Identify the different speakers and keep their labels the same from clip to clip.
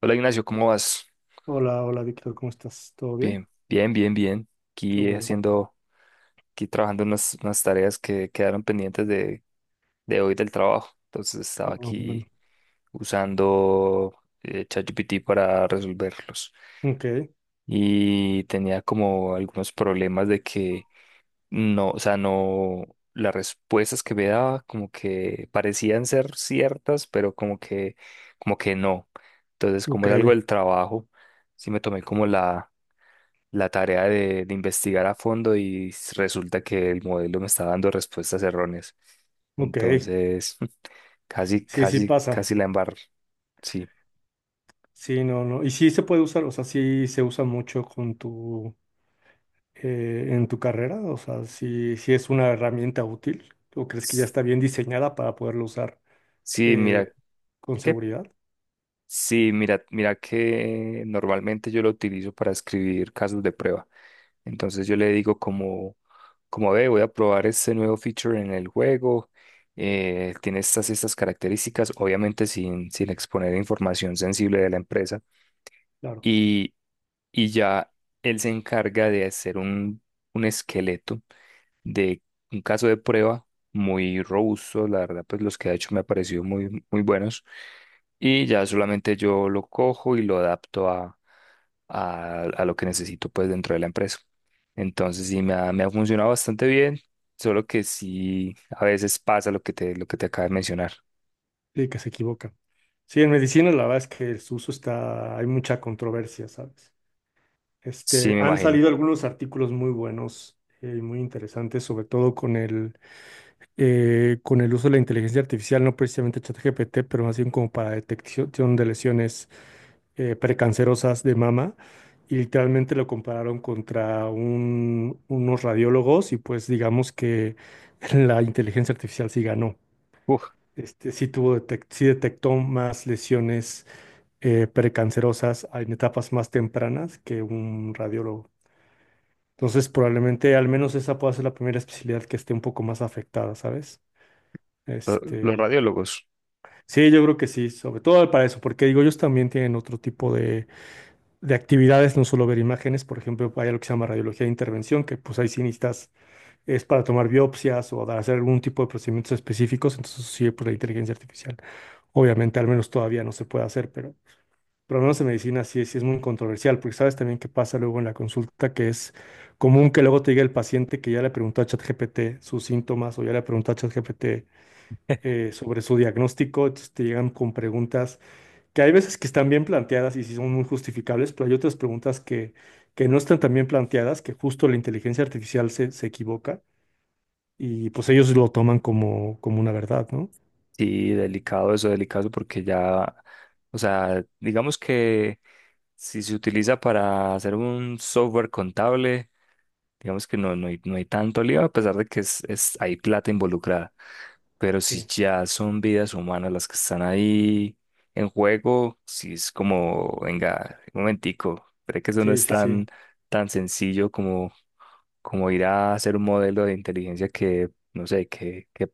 Speaker 1: Hola Ignacio, ¿cómo vas?
Speaker 2: Hola, hola Víctor, ¿cómo estás? ¿Todo bien?
Speaker 1: Bien, bien, bien, bien.
Speaker 2: Qué
Speaker 1: Aquí
Speaker 2: bueno.
Speaker 1: haciendo, aquí trabajando en unas tareas que quedaron pendientes de hoy del trabajo. Entonces
Speaker 2: Ah,
Speaker 1: estaba
Speaker 2: bueno.
Speaker 1: aquí usando ChatGPT para resolverlos.
Speaker 2: Ok,
Speaker 1: Y tenía como algunos problemas de que no, o sea, no, las respuestas que me daba como que parecían ser ciertas, pero como que no. Entonces,
Speaker 2: ok,
Speaker 1: como es algo del trabajo, sí me tomé como la tarea de investigar a fondo y resulta que el modelo me está dando respuestas erróneas.
Speaker 2: ok.
Speaker 1: Entonces, casi,
Speaker 2: Sí, sí
Speaker 1: casi,
Speaker 2: pasa.
Speaker 1: casi la embarro. Sí.
Speaker 2: Sí, no, no. Y sí se puede usar, o sea, sí se usa mucho con en tu carrera, o sea, sí, sí es una herramienta útil, ¿o crees que ya
Speaker 1: S-
Speaker 2: está bien diseñada para poderlo usar
Speaker 1: Sí, mira,
Speaker 2: eh, con
Speaker 1: ¿qué?
Speaker 2: seguridad?
Speaker 1: Sí, mira, mira que normalmente yo lo utilizo para escribir casos de prueba. Entonces yo le digo como, como ve, voy a probar este nuevo feature en el juego. Tiene estas y estas características, obviamente sin, sin exponer información sensible de la empresa.
Speaker 2: Claro,
Speaker 1: y y ya él se encarga de hacer un esqueleto de un caso de prueba muy robusto, la verdad, pues los que ha hecho me han parecido muy, muy buenos y ya solamente yo lo cojo y lo adapto a lo que necesito pues dentro de la empresa. Entonces sí, me ha funcionado bastante bien, solo que sí, a veces pasa lo que te acabo de mencionar.
Speaker 2: sí, que se equivoca. Sí, en medicina la verdad es que su uso está, hay mucha controversia, ¿sabes?
Speaker 1: Sí,
Speaker 2: Este,
Speaker 1: me
Speaker 2: han
Speaker 1: imagino.
Speaker 2: salido algunos artículos muy buenos y muy interesantes, sobre todo con con el uso de la inteligencia artificial, no precisamente ChatGPT, pero más bien como para detección de lesiones precancerosas de mama y literalmente lo compararon contra unos radiólogos y pues digamos que la inteligencia artificial sí ganó.
Speaker 1: Uf,
Speaker 2: Este, sí tuvo sí detectó más lesiones precancerosas en etapas más tempranas que un radiólogo. Entonces, probablemente al menos esa pueda ser la primera especialidad que esté un poco más afectada, ¿sabes?
Speaker 1: los
Speaker 2: Este,
Speaker 1: radiólogos.
Speaker 2: sí, yo creo que sí, sobre todo para eso, porque digo, ellos también tienen otro tipo de actividades, no solo ver imágenes, por ejemplo, hay algo que se llama radiología de intervención, que pues ahí sí necesitas, es para tomar biopsias o hacer algún tipo de procedimientos específicos, entonces sí, pues la inteligencia artificial. Obviamente, al menos todavía no se puede hacer, pero por lo menos en medicina sí, sí es muy controversial, porque sabes también qué pasa luego en la consulta, que es común que luego te diga el paciente que ya le preguntó a ChatGPT sus síntomas o ya le preguntó a ChatGPT sobre su diagnóstico, entonces te llegan con preguntas que hay veces que están bien planteadas y sí son muy justificables, pero hay otras preguntas que no están tan bien planteadas, que justo la inteligencia artificial se equivoca y pues ellos lo toman como, como una verdad, ¿no?
Speaker 1: Sí, delicado eso, delicado porque ya, o sea, digamos que si se utiliza para hacer un software contable, digamos que no, no hay, no hay tanto lío, a pesar de que es, hay plata involucrada. Pero si
Speaker 2: Sí,
Speaker 1: ya son vidas humanas las que están ahí en juego, si es como, venga, un momentico, creo que eso no
Speaker 2: sí,
Speaker 1: es
Speaker 2: sí, sí.
Speaker 1: tan, tan sencillo como, como ir a hacer un modelo de inteligencia que, no sé,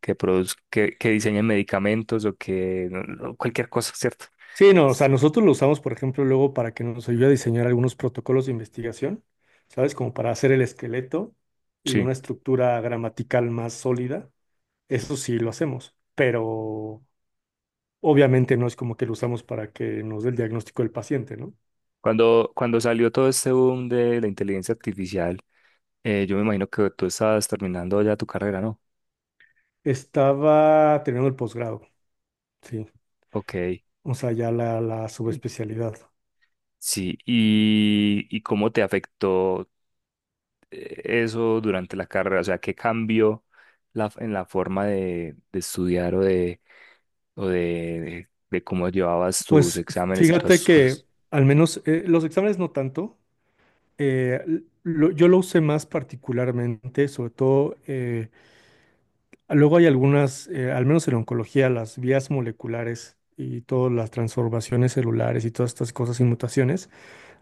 Speaker 1: que produzca, que diseñe medicamentos o que no, cualquier cosa, ¿cierto?
Speaker 2: Sí, no, o sea, nosotros lo usamos, por ejemplo, luego para que nos ayude a diseñar algunos protocolos de investigación, ¿sabes? Como para hacer el esqueleto y
Speaker 1: Sí.
Speaker 2: una estructura gramatical más sólida. Eso sí lo hacemos, pero obviamente no es como que lo usamos para que nos dé el diagnóstico del paciente, ¿no?
Speaker 1: Cuando, cuando salió todo este boom de la inteligencia artificial, eh, yo me imagino que tú estás terminando ya tu carrera, ¿no?
Speaker 2: Estaba terminando el posgrado, sí,
Speaker 1: Ok.
Speaker 2: o sea, ya la subespecialidad.
Speaker 1: Sí, y cómo te afectó eso durante la carrera? O sea, ¿qué cambió la, en la forma de estudiar o de cómo llevabas tus
Speaker 2: Pues
Speaker 1: exámenes y todas
Speaker 2: fíjate
Speaker 1: esas
Speaker 2: que
Speaker 1: cosas?
Speaker 2: al menos los exámenes no tanto. Yo lo usé más particularmente, sobre todo, luego hay algunas, al menos en oncología, las vías moleculares y todas las transformaciones celulares y todas estas cosas y mutaciones.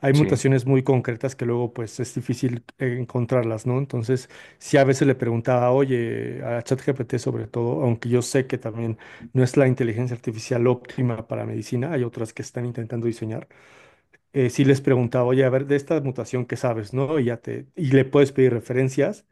Speaker 2: Hay
Speaker 1: Sí.
Speaker 2: mutaciones muy concretas que luego pues es difícil encontrarlas, ¿no? Entonces, si a veces le preguntaba, oye, a ChatGPT sobre todo, aunque yo sé que también no es la inteligencia artificial óptima para medicina, hay otras que están intentando diseñar, sí les preguntaba, oye, a ver, de esta mutación que sabes, ¿no? Y ya te, y le puedes pedir referencias.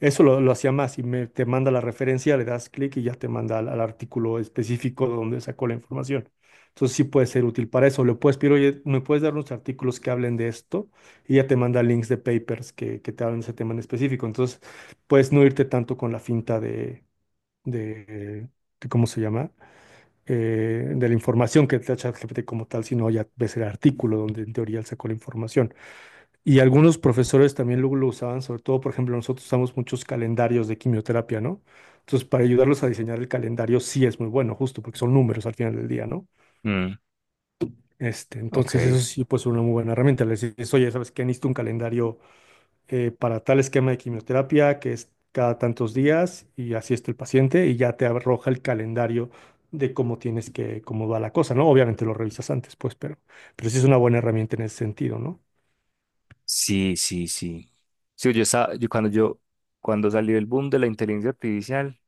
Speaker 2: Eso lo hacía más, te manda la referencia, le das clic y ya te manda al artículo específico de donde sacó la información. Entonces sí puede ser útil para eso. Le puedes pedir, oye, ¿me puedes dar unos artículos que hablen de esto? Y ya te manda links de papers que te hablen de ese tema en específico. Entonces puedes no irte tanto con la finta de, de ¿cómo se llama? De la información que te da ChatGPT como tal, sino ya ves el artículo donde en teoría él sacó la información. Y algunos profesores también luego lo usaban, sobre todo, por ejemplo, nosotros usamos muchos calendarios de quimioterapia, ¿no? Entonces, para ayudarlos a diseñar el calendario sí es muy bueno, justo porque son números al final del día, ¿no?
Speaker 1: Mm,
Speaker 2: Este, entonces, eso
Speaker 1: ok.
Speaker 2: sí, pues una muy buena herramienta. Les dices, oye, ¿sabes qué? Necesito un calendario para tal esquema de quimioterapia que es cada tantos días y así está el paciente y ya te arroja el calendario de cómo tienes cómo va la cosa, ¿no? Obviamente lo revisas antes, pues, pero sí es una buena herramienta en ese sentido, ¿no?
Speaker 1: Sí, sí, sí. Sí, yo estaba, yo, cuando salió el boom de la inteligencia artificial,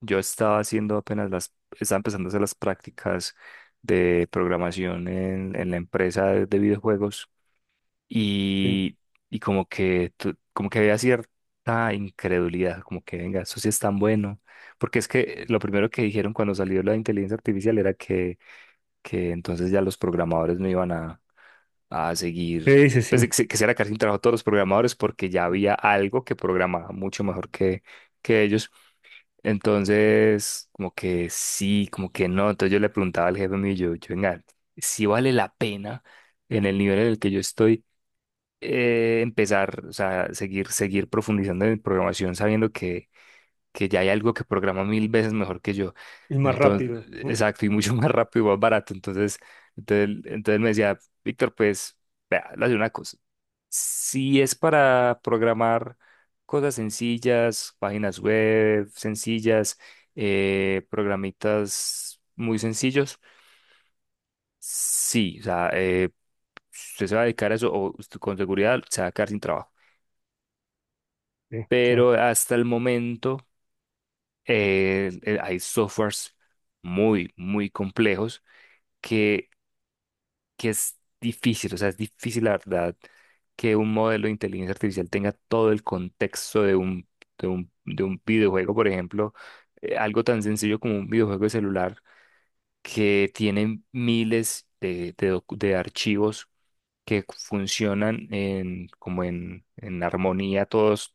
Speaker 1: yo estaba haciendo apenas las, estaba empezando a hacer las prácticas de programación en la empresa de videojuegos
Speaker 2: Sí,
Speaker 1: y, y como que, como que había cierta incredulidad, como que venga, eso sí es tan bueno, porque es que lo primero que dijeron cuando salió la inteligencia artificial era que entonces ya los programadores no iban a seguir,
Speaker 2: sí, sí.
Speaker 1: pues
Speaker 2: Sí.
Speaker 1: que se iban a quedar sin trabajo todos los programadores porque ya había algo que programaba mucho mejor que ellos. Entonces, como que sí, como que no. Entonces yo le preguntaba al jefe mío, venga, si vale la pena en el nivel en el que yo estoy empezar, o sea, seguir, seguir profundizando en programación sabiendo que ya hay algo que programa mil veces mejor que yo.
Speaker 2: Y más
Speaker 1: Entonces,
Speaker 2: rápido, ¿no?
Speaker 1: exacto, y mucho más rápido y más barato. Entonces, entonces me decía, Víctor, pues, vea, le voy a hacer una cosa. Si es para programar cosas sencillas, páginas web sencillas, programitas muy sencillos, sí, o sea, usted se va a dedicar a eso o usted con seguridad se va a quedar sin trabajo.
Speaker 2: Sí, claro.
Speaker 1: Pero hasta el momento hay softwares muy, muy complejos que que es difícil, o sea, es difícil la verdad que un modelo de inteligencia artificial tenga todo el contexto de un, de un, de un videojuego, por ejemplo, algo tan sencillo como un videojuego de celular que tiene miles de, de archivos que funcionan en, como en armonía todos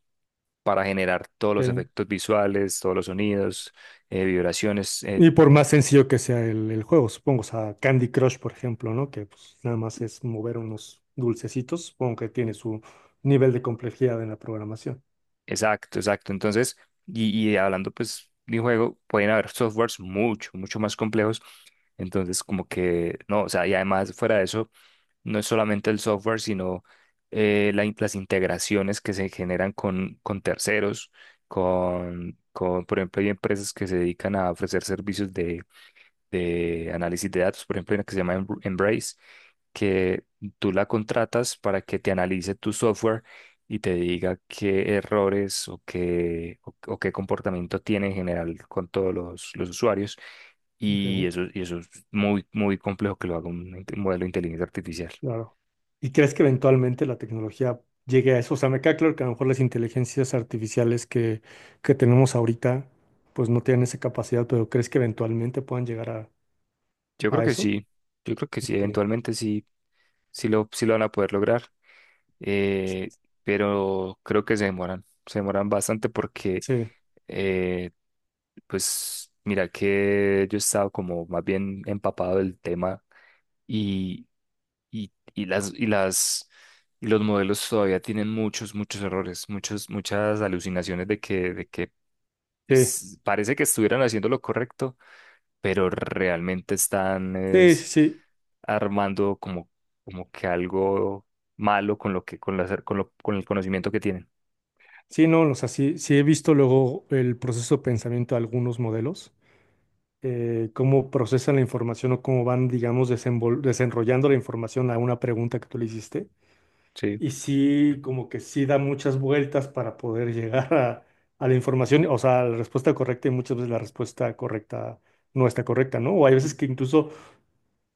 Speaker 1: para generar todos los
Speaker 2: Ok.
Speaker 1: efectos visuales, todos los sonidos, vibraciones,
Speaker 2: Y por más sencillo que sea el juego, supongo, o sea, Candy Crush, por ejemplo, ¿no? Que pues, nada más es mover unos dulcecitos, supongo que tiene su nivel de complejidad en la programación.
Speaker 1: exacto, exacto. Entonces, y hablando pues de un juego, pueden haber softwares mucho, mucho más complejos. Entonces, como que, no, o sea, y además fuera de eso, no es solamente el software, sino las integraciones que se generan con terceros, con, por ejemplo, hay empresas que se dedican a ofrecer servicios de análisis de datos, por ejemplo, hay una que se llama Embrace, que tú la contratas para que te analice tu software y te diga qué errores o qué comportamiento tiene en general con todos los usuarios.
Speaker 2: Ok.
Speaker 1: Y eso es muy, muy complejo que lo haga un, un modelo de inteligencia artificial.
Speaker 2: Claro. ¿Y crees que eventualmente la tecnología llegue a eso? O sea, me queda claro que a lo mejor las inteligencias artificiales que tenemos ahorita, pues no tienen esa capacidad, pero ¿crees que eventualmente puedan llegar
Speaker 1: Yo creo
Speaker 2: a
Speaker 1: que
Speaker 2: eso?
Speaker 1: sí, yo creo que sí,
Speaker 2: Que,
Speaker 1: eventualmente sí, sí lo van a poder lograr, eh,
Speaker 2: sí,
Speaker 1: pero creo que se demoran bastante porque
Speaker 2: sí,
Speaker 1: eh, pues mira que yo he estado como más bien empapado del tema y, y las y las y los modelos todavía tienen muchos, muchos errores, muchos, muchas alucinaciones de que
Speaker 2: sí,
Speaker 1: parece que estuvieran haciendo lo correcto, pero realmente están
Speaker 2: sí,
Speaker 1: es,
Speaker 2: sí.
Speaker 1: armando como, como que algo malo con lo que, con la, con con el conocimiento que tienen.
Speaker 2: Sí, no, o sea, sí, sí he visto luego el proceso de pensamiento de algunos modelos, cómo procesan la información o cómo van, digamos, desenrollando la información a una pregunta que tú le hiciste.
Speaker 1: Sí.
Speaker 2: Y sí, como que sí da muchas vueltas para poder llegar a la información, o sea, a la respuesta correcta y muchas veces la respuesta correcta no está correcta, ¿no? O hay veces que incluso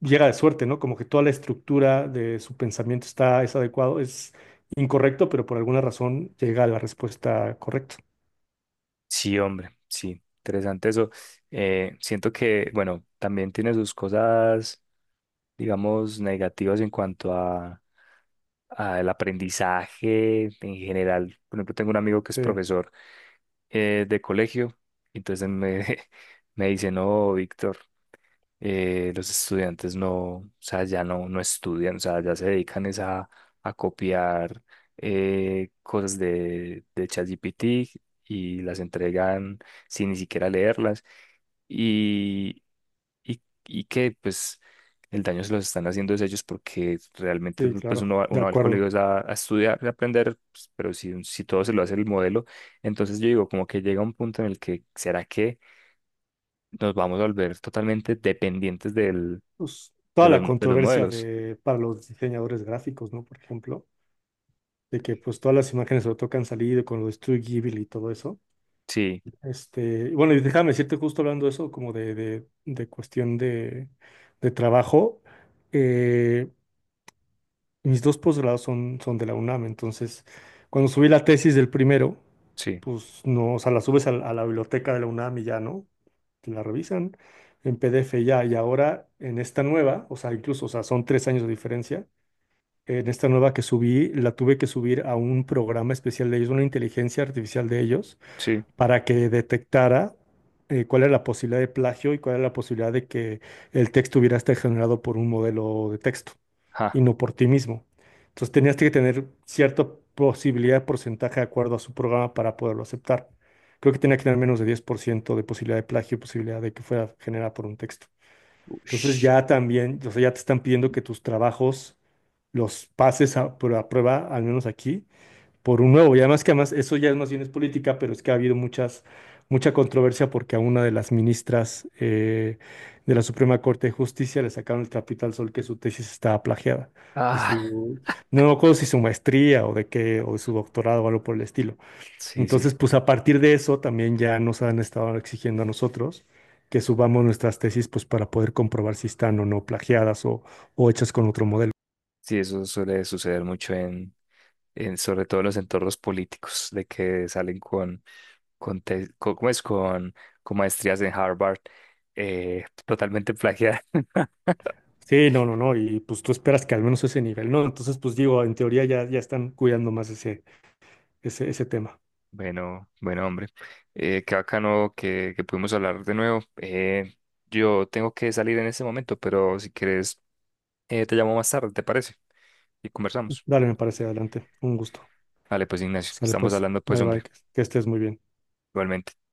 Speaker 2: llega de suerte, ¿no? Como que toda la estructura de su pensamiento está, es adecuado, es incorrecto, pero por alguna razón llega a la respuesta correcta.
Speaker 1: Sí, hombre, sí, interesante eso. Siento que, bueno, también tiene sus cosas, digamos, negativas en cuanto a el aprendizaje en general. Por ejemplo, tengo un amigo que es
Speaker 2: Sí.
Speaker 1: profesor de colegio, y entonces me, me dice, no, Víctor, los estudiantes no, o sea, ya no, no estudian, o sea, ya se dedican es a copiar cosas de ChatGPT y las entregan sin ni siquiera leerlas y, y que pues el daño se los están haciendo es ellos porque realmente
Speaker 2: Sí,
Speaker 1: pues
Speaker 2: claro, de
Speaker 1: uno va al colegio
Speaker 2: acuerdo.
Speaker 1: es a estudiar, y a aprender, pues, pero si, si todo se lo hace el modelo, entonces yo digo como que llega un punto en el que ¿será que nos vamos a volver totalmente dependientes del,
Speaker 2: Pues,
Speaker 1: de
Speaker 2: toda
Speaker 1: los,
Speaker 2: la
Speaker 1: de los
Speaker 2: controversia
Speaker 1: modelos?
Speaker 2: de, para los diseñadores gráficos, ¿no? Por ejemplo, de que pues todas las imágenes sobre todo que han salido con lo de Studio Ghibli y todo eso.
Speaker 1: Sí,
Speaker 2: Este, y bueno, y déjame decirte justo hablando de eso, como de cuestión de trabajo, eh, mis dos posgrados son, son de la UNAM, entonces cuando subí la tesis del primero,
Speaker 1: sí,
Speaker 2: pues no, o sea, la subes a la biblioteca de la UNAM y ya, ¿no? Te la revisan en PDF ya. Y ahora en esta nueva, o sea, incluso, o sea, son tres años de diferencia. En esta nueva que subí, la tuve que subir a un programa especial de ellos, una inteligencia artificial de ellos,
Speaker 1: sí.
Speaker 2: para que detectara cuál era la posibilidad de plagio y cuál era la posibilidad de que el texto hubiera estado generado por un modelo de texto
Speaker 1: Ja.
Speaker 2: y no por ti mismo. Entonces tenías que tener cierta posibilidad de porcentaje de acuerdo a su programa para poderlo aceptar. Creo que tenía que tener menos de 10% de posibilidad de plagio y posibilidad de que fuera generada por un texto. Entonces
Speaker 1: Ush.
Speaker 2: ya también, o sea, ya te están pidiendo que tus trabajos los pases a prueba, al menos aquí, por un nuevo. Y además que además eso ya es más bien es política, pero es que ha habido mucha controversia porque a una de las ministras de la Suprema Corte de Justicia le sacaron el trapito al sol que su tesis estaba plagiada. De
Speaker 1: Ah,
Speaker 2: su, no me acuerdo si su maestría o de qué, o de su doctorado o algo por el estilo.
Speaker 1: sí, sí.
Speaker 2: Entonces, pues a partir de eso también ya nos han estado exigiendo a nosotros que subamos nuestras tesis pues para poder comprobar si están o no plagiadas o hechas con otro modelo.
Speaker 1: Sí, eso suele suceder mucho en sobre todo en los entornos políticos, de que salen con, ¿cómo es? Con maestrías en Harvard, totalmente plagiada.
Speaker 2: Sí, no, no, no, y pues tú esperas que al menos ese nivel, ¿no? Entonces, pues digo, en teoría ya, ya están cuidando más ese ese tema.
Speaker 1: Bueno, bueno, hombre, qué bacano que pudimos hablar de nuevo. Yo tengo que salir en este momento, pero si quieres, te llamo más tarde, ¿te parece? Y conversamos.
Speaker 2: Dale, me parece, adelante. Un gusto.
Speaker 1: Vale, pues Ignacio,
Speaker 2: Sale
Speaker 1: estamos
Speaker 2: pues.
Speaker 1: hablando pues,
Speaker 2: Bye bye,
Speaker 1: hombre,
Speaker 2: que estés muy bien.
Speaker 1: igualmente.